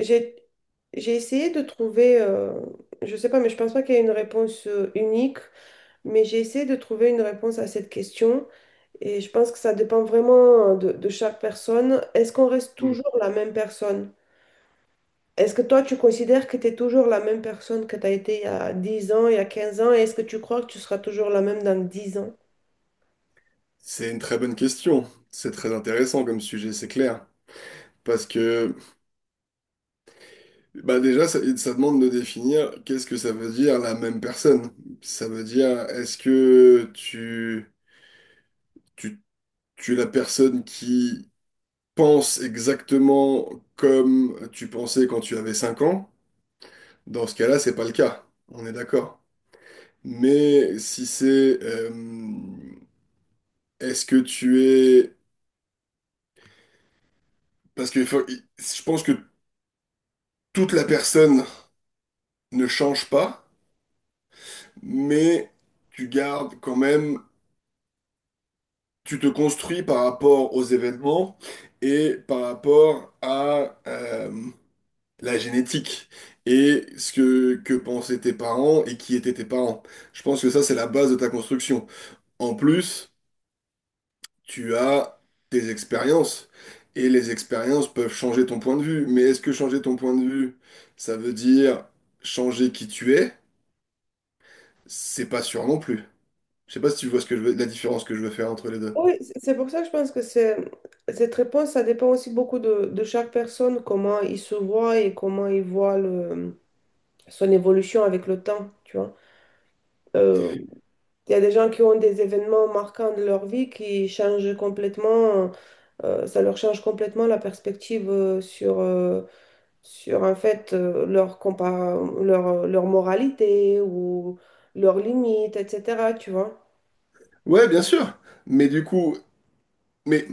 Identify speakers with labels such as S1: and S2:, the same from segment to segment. S1: J'ai j'ai essayé de trouver, je sais pas, mais je pense pas qu'il y ait une réponse unique, mais j'ai essayé de trouver une réponse à cette question, et je pense que ça dépend vraiment de chaque personne. Est-ce qu'on reste
S2: Hmm.
S1: toujours la même personne? Est-ce que toi, tu considères que tu es toujours la même personne que tu as été il y a 10 ans, il y a 15 ans, et est-ce que tu crois que tu seras toujours la même dans 10 ans?
S2: C'est une très bonne question. C'est très intéressant comme sujet, c'est clair. Parce que bah déjà, ça demande de définir qu'est-ce que ça veut dire la même personne. Ça veut dire est-ce que tu, tu es la personne qui pense exactement comme tu pensais quand tu avais 5 ans? Dans ce cas-là, c'est pas le cas. On est d'accord. Mais si c'est est-ce que tu es... Parce que je pense que toute la personne ne change pas. Mais tu gardes quand même, tu te construis par rapport aux événements et par rapport à la génétique et ce que pensaient tes parents et qui étaient tes parents. Je pense que ça, c'est la base de ta construction. En plus, tu as tes expériences. Et les expériences peuvent changer ton point de vue. Mais est-ce que changer ton point de vue, ça veut dire changer qui tu es? C'est pas sûr non plus. Je sais pas si tu vois ce que je la différence que je veux faire entre les deux.
S1: Oui, c'est pour ça que je pense que c'est, cette réponse, ça dépend aussi beaucoup de chaque personne, comment il se voit et comment il voit son évolution avec le temps, tu vois. Euh, Il y a des gens qui ont des événements marquants de leur vie qui changent complètement. Ça leur change complètement la perspective sur en fait, leur moralité ou leurs limites, etc., tu vois.
S2: Ouais, bien sûr. Mais du coup, mais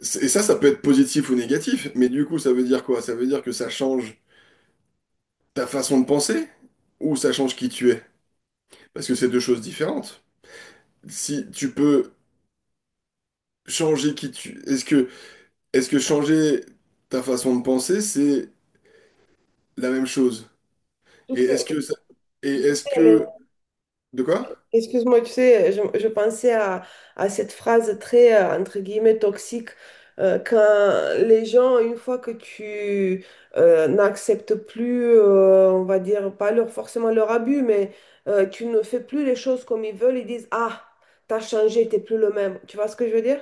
S2: et ça peut être positif ou négatif. Mais du coup, ça veut dire quoi? Ça veut dire que ça change ta façon de penser ou ça change qui tu es? Parce que c'est deux choses différentes. Si tu peux changer qui tu, est-ce que changer ta façon de penser, c'est la même chose? Et
S1: Donc, c'est-
S2: est-ce que ça, et est-ce que de quoi?
S1: Excuse-moi, tu sais, je pensais à cette phrase très, entre guillemets, toxique, quand les gens, une fois que tu n'acceptes plus, on va dire, pas leur, forcément leur abus, mais tu ne fais plus les choses comme ils veulent, ils disent, « Ah, t'as changé, t'es plus le même. » Tu vois ce que je veux dire?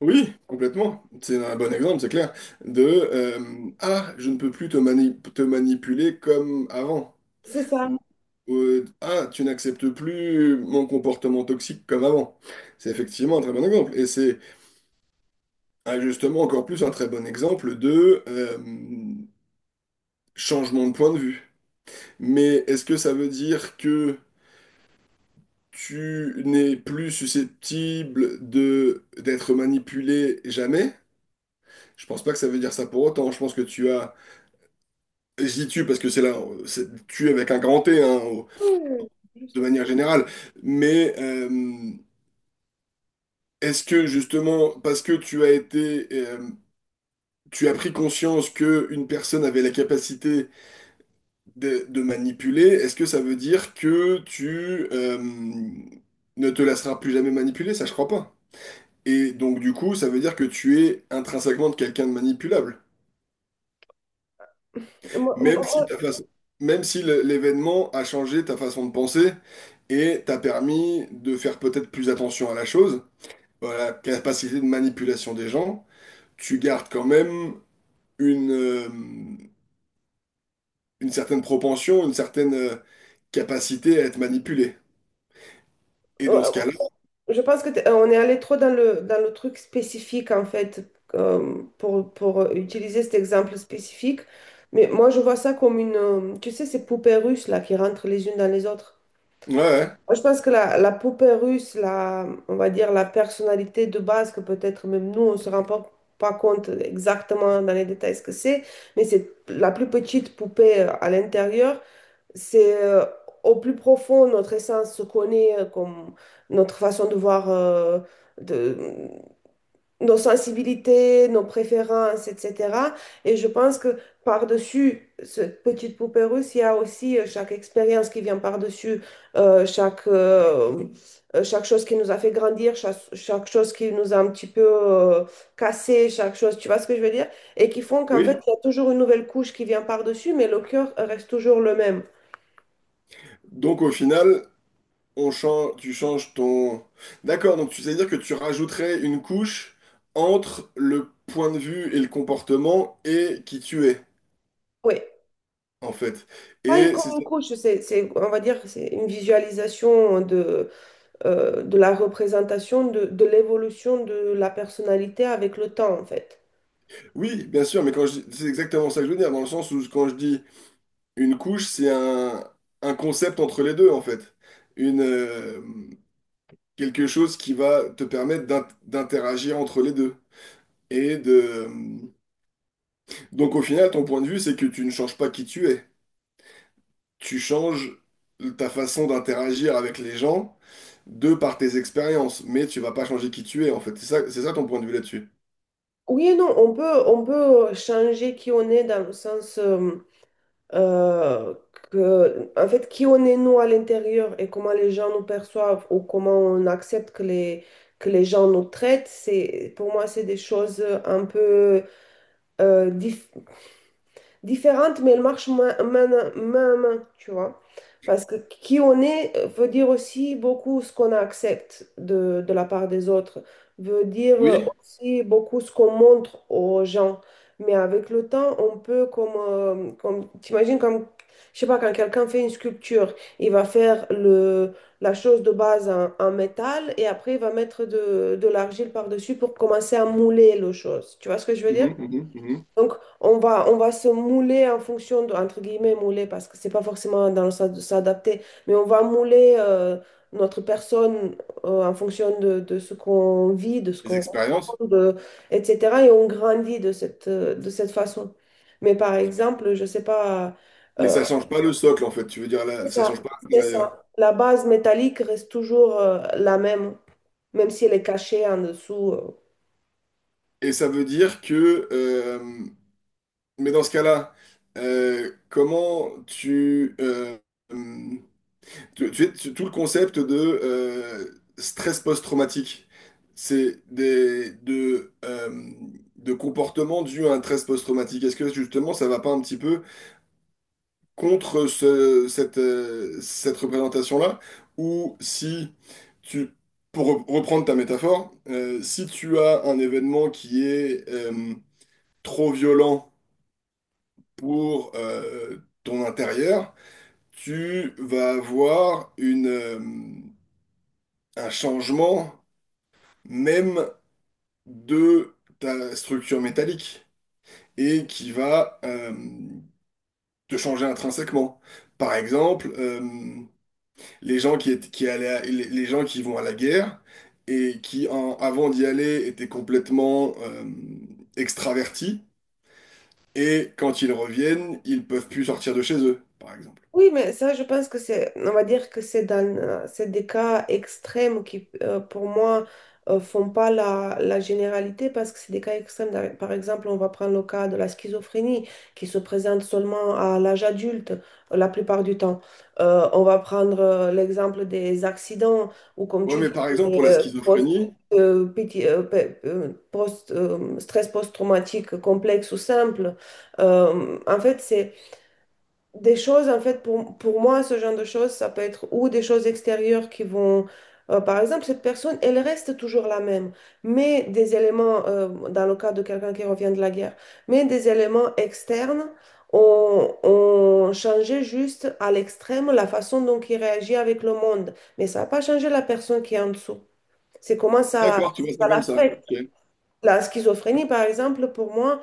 S2: Oui, complètement. C'est un bon exemple, c'est clair. De je ne peux plus te te manipuler comme avant.
S1: C'est ça.
S2: Ou- tu n'acceptes plus mon comportement toxique comme avant. C'est effectivement un très bon exemple. Et c'est ah, justement encore plus un très bon exemple de changement de point de vue. Mais est-ce que ça veut dire que tu n'es plus susceptible de d'être manipulé jamais? Je pense pas que ça veut dire ça pour autant. Je pense que tu as, je dis tu parce que c'est là, c'est tu avec un grand T, hein, au-
S1: Oui, oui, oui, je
S2: de
S1: sais.
S2: manière générale. Mais est-ce que justement, parce que tu as été, tu as pris conscience que une personne avait la capacité de manipuler, est-ce que ça veut dire que tu ne te laisseras plus jamais manipuler? Ça, je crois pas. Et donc, du coup, ça veut dire que tu es intrinsèquement quelqu'un de manipulable,
S1: Moi,
S2: même si
S1: moi-
S2: ta façon, même si l'événement a changé ta façon de penser et t'a permis de faire peut-être plus attention à la chose, voilà, capacité de manipulation des gens tu gardes quand même une, euh, une certaine propension, une certaine capacité à être manipulé. Et dans ce
S1: moi-
S2: cas-là,
S1: Je pense que on est allé trop dans dans le truc spécifique, en fait, pour utiliser cet exemple spécifique. Mais moi, je vois ça comme tu sais, ces poupées russes, là, qui rentrent les unes dans les autres.
S2: ouais,
S1: Moi, je pense que la poupée russe, la, on va dire la personnalité de base, que peut-être même nous, on ne se rend pas compte exactement dans les détails ce que c'est, mais c'est la plus petite poupée à l'intérieur. C'est au plus profond, notre essence se connaît, comme notre façon de voir, de, nos sensibilités, nos préférences, etc. Et je pense que par-dessus cette petite poupée russe, il y a aussi chaque expérience qui vient par-dessus, euh, chaque, euh, chaque chose qui nous a fait grandir, chaque chose qui nous a un petit peu cassé, chaque chose, tu vois ce que je veux dire? Et qui font qu'en
S2: oui.
S1: fait, il y a toujours une nouvelle couche qui vient par-dessus, mais le cœur reste toujours le même.
S2: Donc au final, on change, tu changes ton... D'accord, donc tu sais dire que tu rajouterais une couche entre le point de vue et le comportement et qui tu es,
S1: Oui.
S2: en fait.
S1: Oui,
S2: Et
S1: comme
S2: c'est
S1: une
S2: ça.
S1: couche, c'est, on va dire, que c'est une visualisation de la représentation de l'évolution de la personnalité avec le temps, en fait.
S2: Oui, bien sûr, mais quand je c'est exactement ça que je veux dire, dans le sens où quand je dis une couche, c'est un concept entre les deux, en fait. Une, quelque chose qui va te permettre d'interagir entre les deux. Et de... Donc au final, ton point de vue, c'est que tu ne changes pas qui tu es. Tu changes ta façon d'interagir avec les gens de par tes expériences, mais tu vas pas changer qui tu es, en fait. C'est ça ton point de vue là-dessus.
S1: Oui et non, on peut changer qui on est dans le sens, euh, que, en fait, qui on est nous à l'intérieur et comment les gens nous perçoivent ou comment on accepte que les gens nous traitent, c'est, pour moi, c'est des choses un peu euh, différentes différentes, mais elles marchent main à main, tu vois. Parce que qui on est veut dire aussi beaucoup ce qu'on accepte de la part des autres, veut dire
S2: Oui.
S1: aussi beaucoup ce qu'on montre aux gens. Mais avec le temps, on peut comme t'imagines comme, je sais pas, quand quelqu'un fait une sculpture, il va faire la chose de base en métal, et après il va mettre de l'argile par-dessus pour commencer à mouler le chose. Tu vois ce que je veux dire?
S2: Mhm.
S1: Donc, on va se mouler en fonction de, entre guillemets, mouler, parce que c'est pas forcément dans le sens de s'adapter, mais on va mouler notre personne en fonction de ce qu'on vit, de ce
S2: Les
S1: qu'on
S2: expériences.
S1: rencontre, de- etc. Et on grandit de cette façon. Mais par exemple, je sais pas,
S2: Mais
S1: euh,
S2: ça change pas le socle, en fait. Tu veux dire,
S1: c'est
S2: là, ça
S1: ça,
S2: change pas
S1: c'est
S2: l'intérieur.
S1: ça. La base métallique reste toujours la même, même si elle est cachée en dessous.
S2: Et ça veut dire que... mais dans ce cas-là, comment tu... tu, tu sais, tout le concept de euh, stress post-traumatique, c'est de comportements dus à un stress post-traumatique. Est-ce que justement ça va pas un petit peu contre cette, cette représentation-là? Ou si tu, pour reprendre ta métaphore, si tu as un événement qui est trop violent pour ton intérieur, tu vas avoir une, un changement même de ta structure métallique et qui va te changer intrinsèquement. Par exemple, les gens qui, qui les gens qui vont à la guerre et qui, avant d'y aller, étaient complètement extravertis et quand ils reviennent, ils peuvent plus sortir de chez eux, par exemple.
S1: Oui, mais ça, je pense que c'est, on va dire que c'est c'est des cas extrêmes qui, pour moi, font pas la généralité parce que c'est des cas extrêmes. Par exemple, on va prendre le cas de la schizophrénie qui se présente seulement à l'âge adulte la plupart du temps. On va prendre l'exemple des accidents, ou, comme
S2: Ouais,
S1: tu
S2: mais
S1: dis,
S2: par exemple,
S1: des
S2: pour la schizophrénie,
S1: PT, stress post-traumatique complexe ou simple. En fait, c'est des choses, en fait, pour moi, ce genre de choses, ça peut être ou des choses extérieures qui vont... Par exemple, cette personne, elle reste toujours la même, mais des éléments, dans le cas de quelqu'un qui revient de la guerre, mais des éléments externes ont changé juste à l'extrême la façon dont il réagit avec le monde. Mais ça n'a pas changé la personne qui est en dessous. C'est comment
S2: d'accord,
S1: ça,
S2: tu vois ça
S1: ça
S2: comme ça.
S1: l'affecte.
S2: Ok.
S1: La schizophrénie, par exemple, pour moi,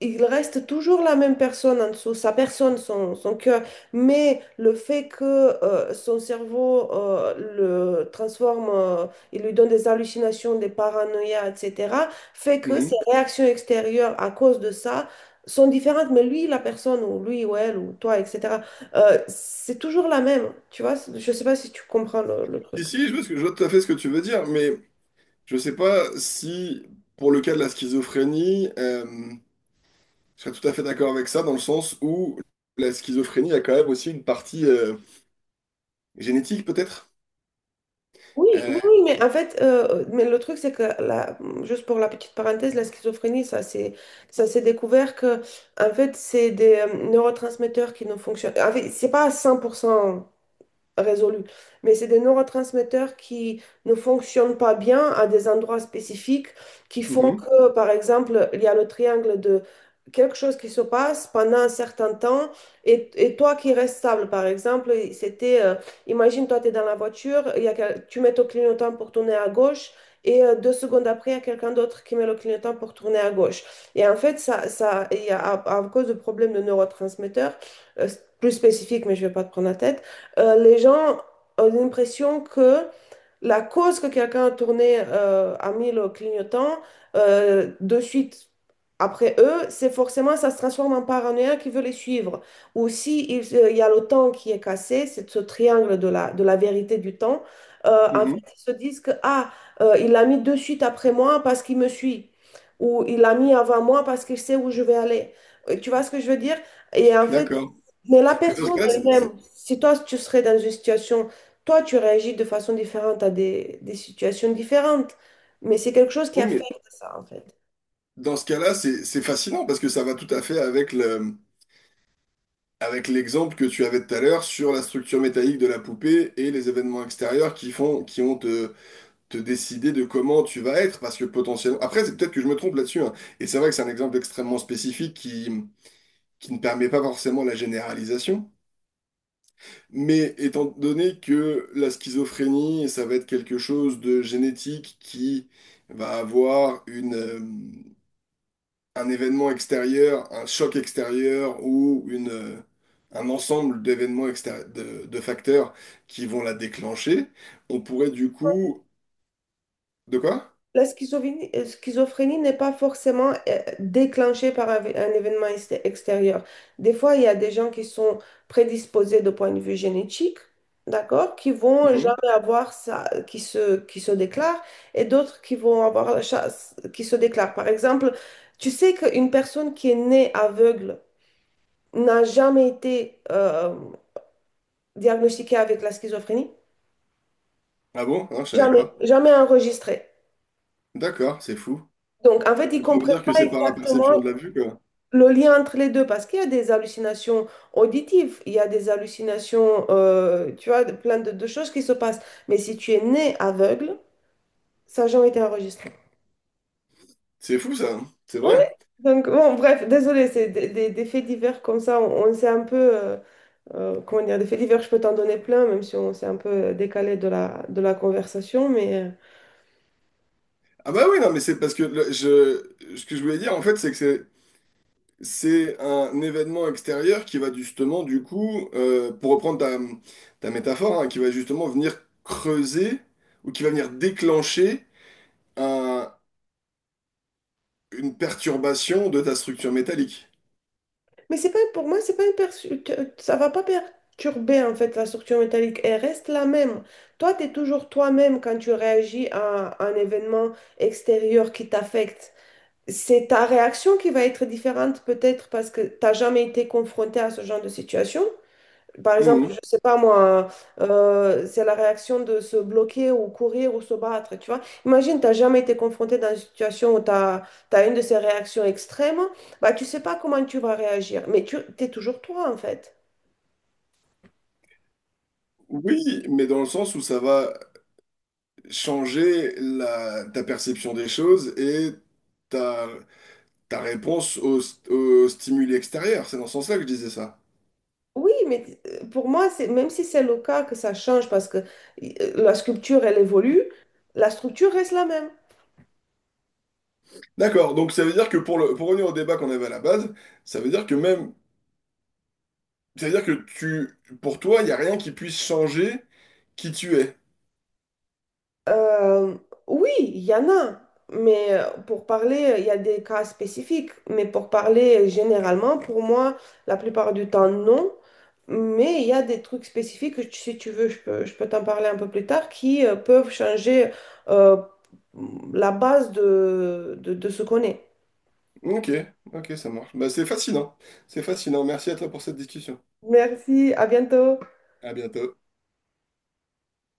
S1: il reste toujours la même personne en dessous, sa personne, son cœur, mais le fait que son cerveau le transforme, il lui donne des hallucinations, des paranoïas, etc., fait que ses
S2: Mhm.
S1: réactions extérieures à cause de ça sont différentes, mais lui, la personne, ou lui, ou elle, ou toi, etc., c'est toujours la même, tu vois, je sais pas si tu comprends le
S2: Si,
S1: truc.
S2: si, je vois, ce je vois tout à fait ce que tu veux dire, mais je sais pas si, pour le cas de la schizophrénie, je serais tout à fait d'accord avec ça, dans le sens où la schizophrénie a quand même aussi une partie génétique, peut-être.
S1: Oui, oui,
S2: Euh,
S1: oui, mais en fait, mais le truc, c'est que, la, juste pour la petite parenthèse, la schizophrénie, ça c'est, ça s'est découvert que, en fait, c'est des neurotransmetteurs qui ne fonctionnent. En fait, c'est pas à 100% résolu. Mais c'est des neurotransmetteurs qui ne fonctionnent pas bien à des endroits spécifiques qui font
S2: mhm,
S1: que, par exemple, il y a le triangle de quelque chose qui se passe pendant un certain temps, et toi qui restes stable. Par exemple, c'était, imagine, toi, tu es dans la voiture, il y a, tu mets ton clignotant pour tourner à gauche. 2 secondes après, il y a quelqu'un d'autre qui met le clignotant pour tourner à gauche. Et en fait, ça, il y a, à cause de problèmes de neurotransmetteurs, euh, plus spécifiques, mais je ne vais pas te prendre la tête, les gens ont l'impression que la cause que quelqu'un a tourné, a mis le clignotant de suite après eux, c'est forcément, ça se transforme en paranoïa qui veut les suivre. Ou si il, il y a le temps qui est cassé, c'est ce triangle de de la vérité du temps, en fait,
S2: mhm,
S1: ils se disent que, ah, il l'a mis de suite après moi parce qu'il me suit. Ou il l'a mis avant moi parce qu'il sait où je vais aller. Tu vois ce que je veux dire? Et en fait,
S2: d'accord.
S1: mais la
S2: Mais dans ce
S1: personne
S2: cas-là, c'est,
S1: elle-même, si toi tu serais dans une situation, toi, tu réagis de façon différente à des situations différentes, mais c'est quelque chose qui
S2: oui, mais
S1: affecte ça, en fait.
S2: dans ce cas-là, c'est fascinant parce que ça va tout à fait avec le, avec l'exemple que tu avais tout à l'heure sur la structure métallique de la poupée et les événements extérieurs qui font, qui ont te décider de comment tu vas être, parce que potentiellement... Après, c'est peut-être que je me trompe là-dessus, hein. Et c'est vrai que c'est un exemple extrêmement spécifique qui ne permet pas forcément la généralisation. Mais étant donné que la schizophrénie, ça va être quelque chose de génétique qui va avoir une, un événement extérieur, un choc extérieur ou une, un ensemble d'événements extérieurs, de facteurs qui vont la déclencher, on pourrait du coup... De quoi?
S1: La schizophrénie, n'est pas forcément déclenchée par un événement extérieur. Des fois, il y a des gens qui sont prédisposés de point de vue génétique, d'accord, qui vont
S2: Mhm.
S1: jamais avoir ça, qui se déclarent, et d'autres qui vont avoir la chasse, qui se déclarent. Par exemple, tu sais qu'une personne qui est née aveugle n'a jamais été diagnostiqué avec la schizophrénie.
S2: Ah bon? Ah, je savais
S1: Jamais,
S2: pas.
S1: jamais enregistré.
S2: D'accord, c'est fou.
S1: Donc, en fait, ils ne
S2: Donc ça veut
S1: comprennent
S2: dire que
S1: pas
S2: c'est par la
S1: exactement
S2: perception de la vue, quoi.
S1: le lien entre les deux parce qu'il y a des hallucinations auditives, il y a des hallucinations, tu vois, plein de choses qui se passent. Mais si tu es né aveugle, ça n'a jamais été enregistré.
S2: C'est fou ça, hein c'est
S1: Oui.
S2: vrai.
S1: Donc, bon, bref, désolé, c'est des faits divers comme ça. On s'est un peu, comment dire, des faits divers, je peux t'en donner plein, même si on s'est un peu décalé de de la conversation, mais.
S2: Ah bah oui, non, mais c'est parce que ce que je voulais dire en fait, c'est que c'est un événement extérieur qui va justement du coup, pour reprendre ta, ta métaphore, hein, qui va justement venir creuser ou qui va venir déclencher un- une perturbation de ta structure métallique.
S1: Mais c'est pas pour moi, c'est pas ça va pas perturber en fait la structure métallique. Elle reste la même. Toi, tu es toujours toi-même quand tu réagis à un événement extérieur qui t'affecte. C'est ta réaction qui va être différente peut-être parce que tu n'as jamais été confronté à ce genre de situation. Par exemple,
S2: Mhm.
S1: je sais pas moi, c'est la réaction de se bloquer ou courir ou se battre, tu vois. Imagine, t'as jamais été confronté dans une situation où une de ces réactions extrêmes, bah tu sais pas comment tu vas réagir, mais tu es toujours toi en fait.
S2: Oui, mais dans le sens où ça va changer la, ta perception des choses et ta réponse au, au stimuli extérieur, c'est dans ce sens-là que je disais ça.
S1: Oui, mais pour moi, c'est même si c'est le cas que ça change parce que la sculpture, elle évolue, la structure reste la même.
S2: D'accord, donc ça veut dire que pour le, pour revenir au débat qu'on avait à la base, ça veut dire que même, ça veut dire que tu, pour toi, il n'y a rien qui puisse changer qui tu es.
S1: Euh, oui, il y en a, mais pour parler, il y a des cas spécifiques, mais pour parler généralement, pour moi, la plupart du temps, non. Mais il y a des trucs spécifiques, si tu veux, je peux t'en parler un peu plus tard, qui peuvent changer euh, la base de ce qu'on est.
S2: Ok, ok, ça marche. Bah, c'est fascinant. C'est fascinant. Merci à toi pour cette discussion.
S1: Merci, à bientôt.
S2: À bientôt.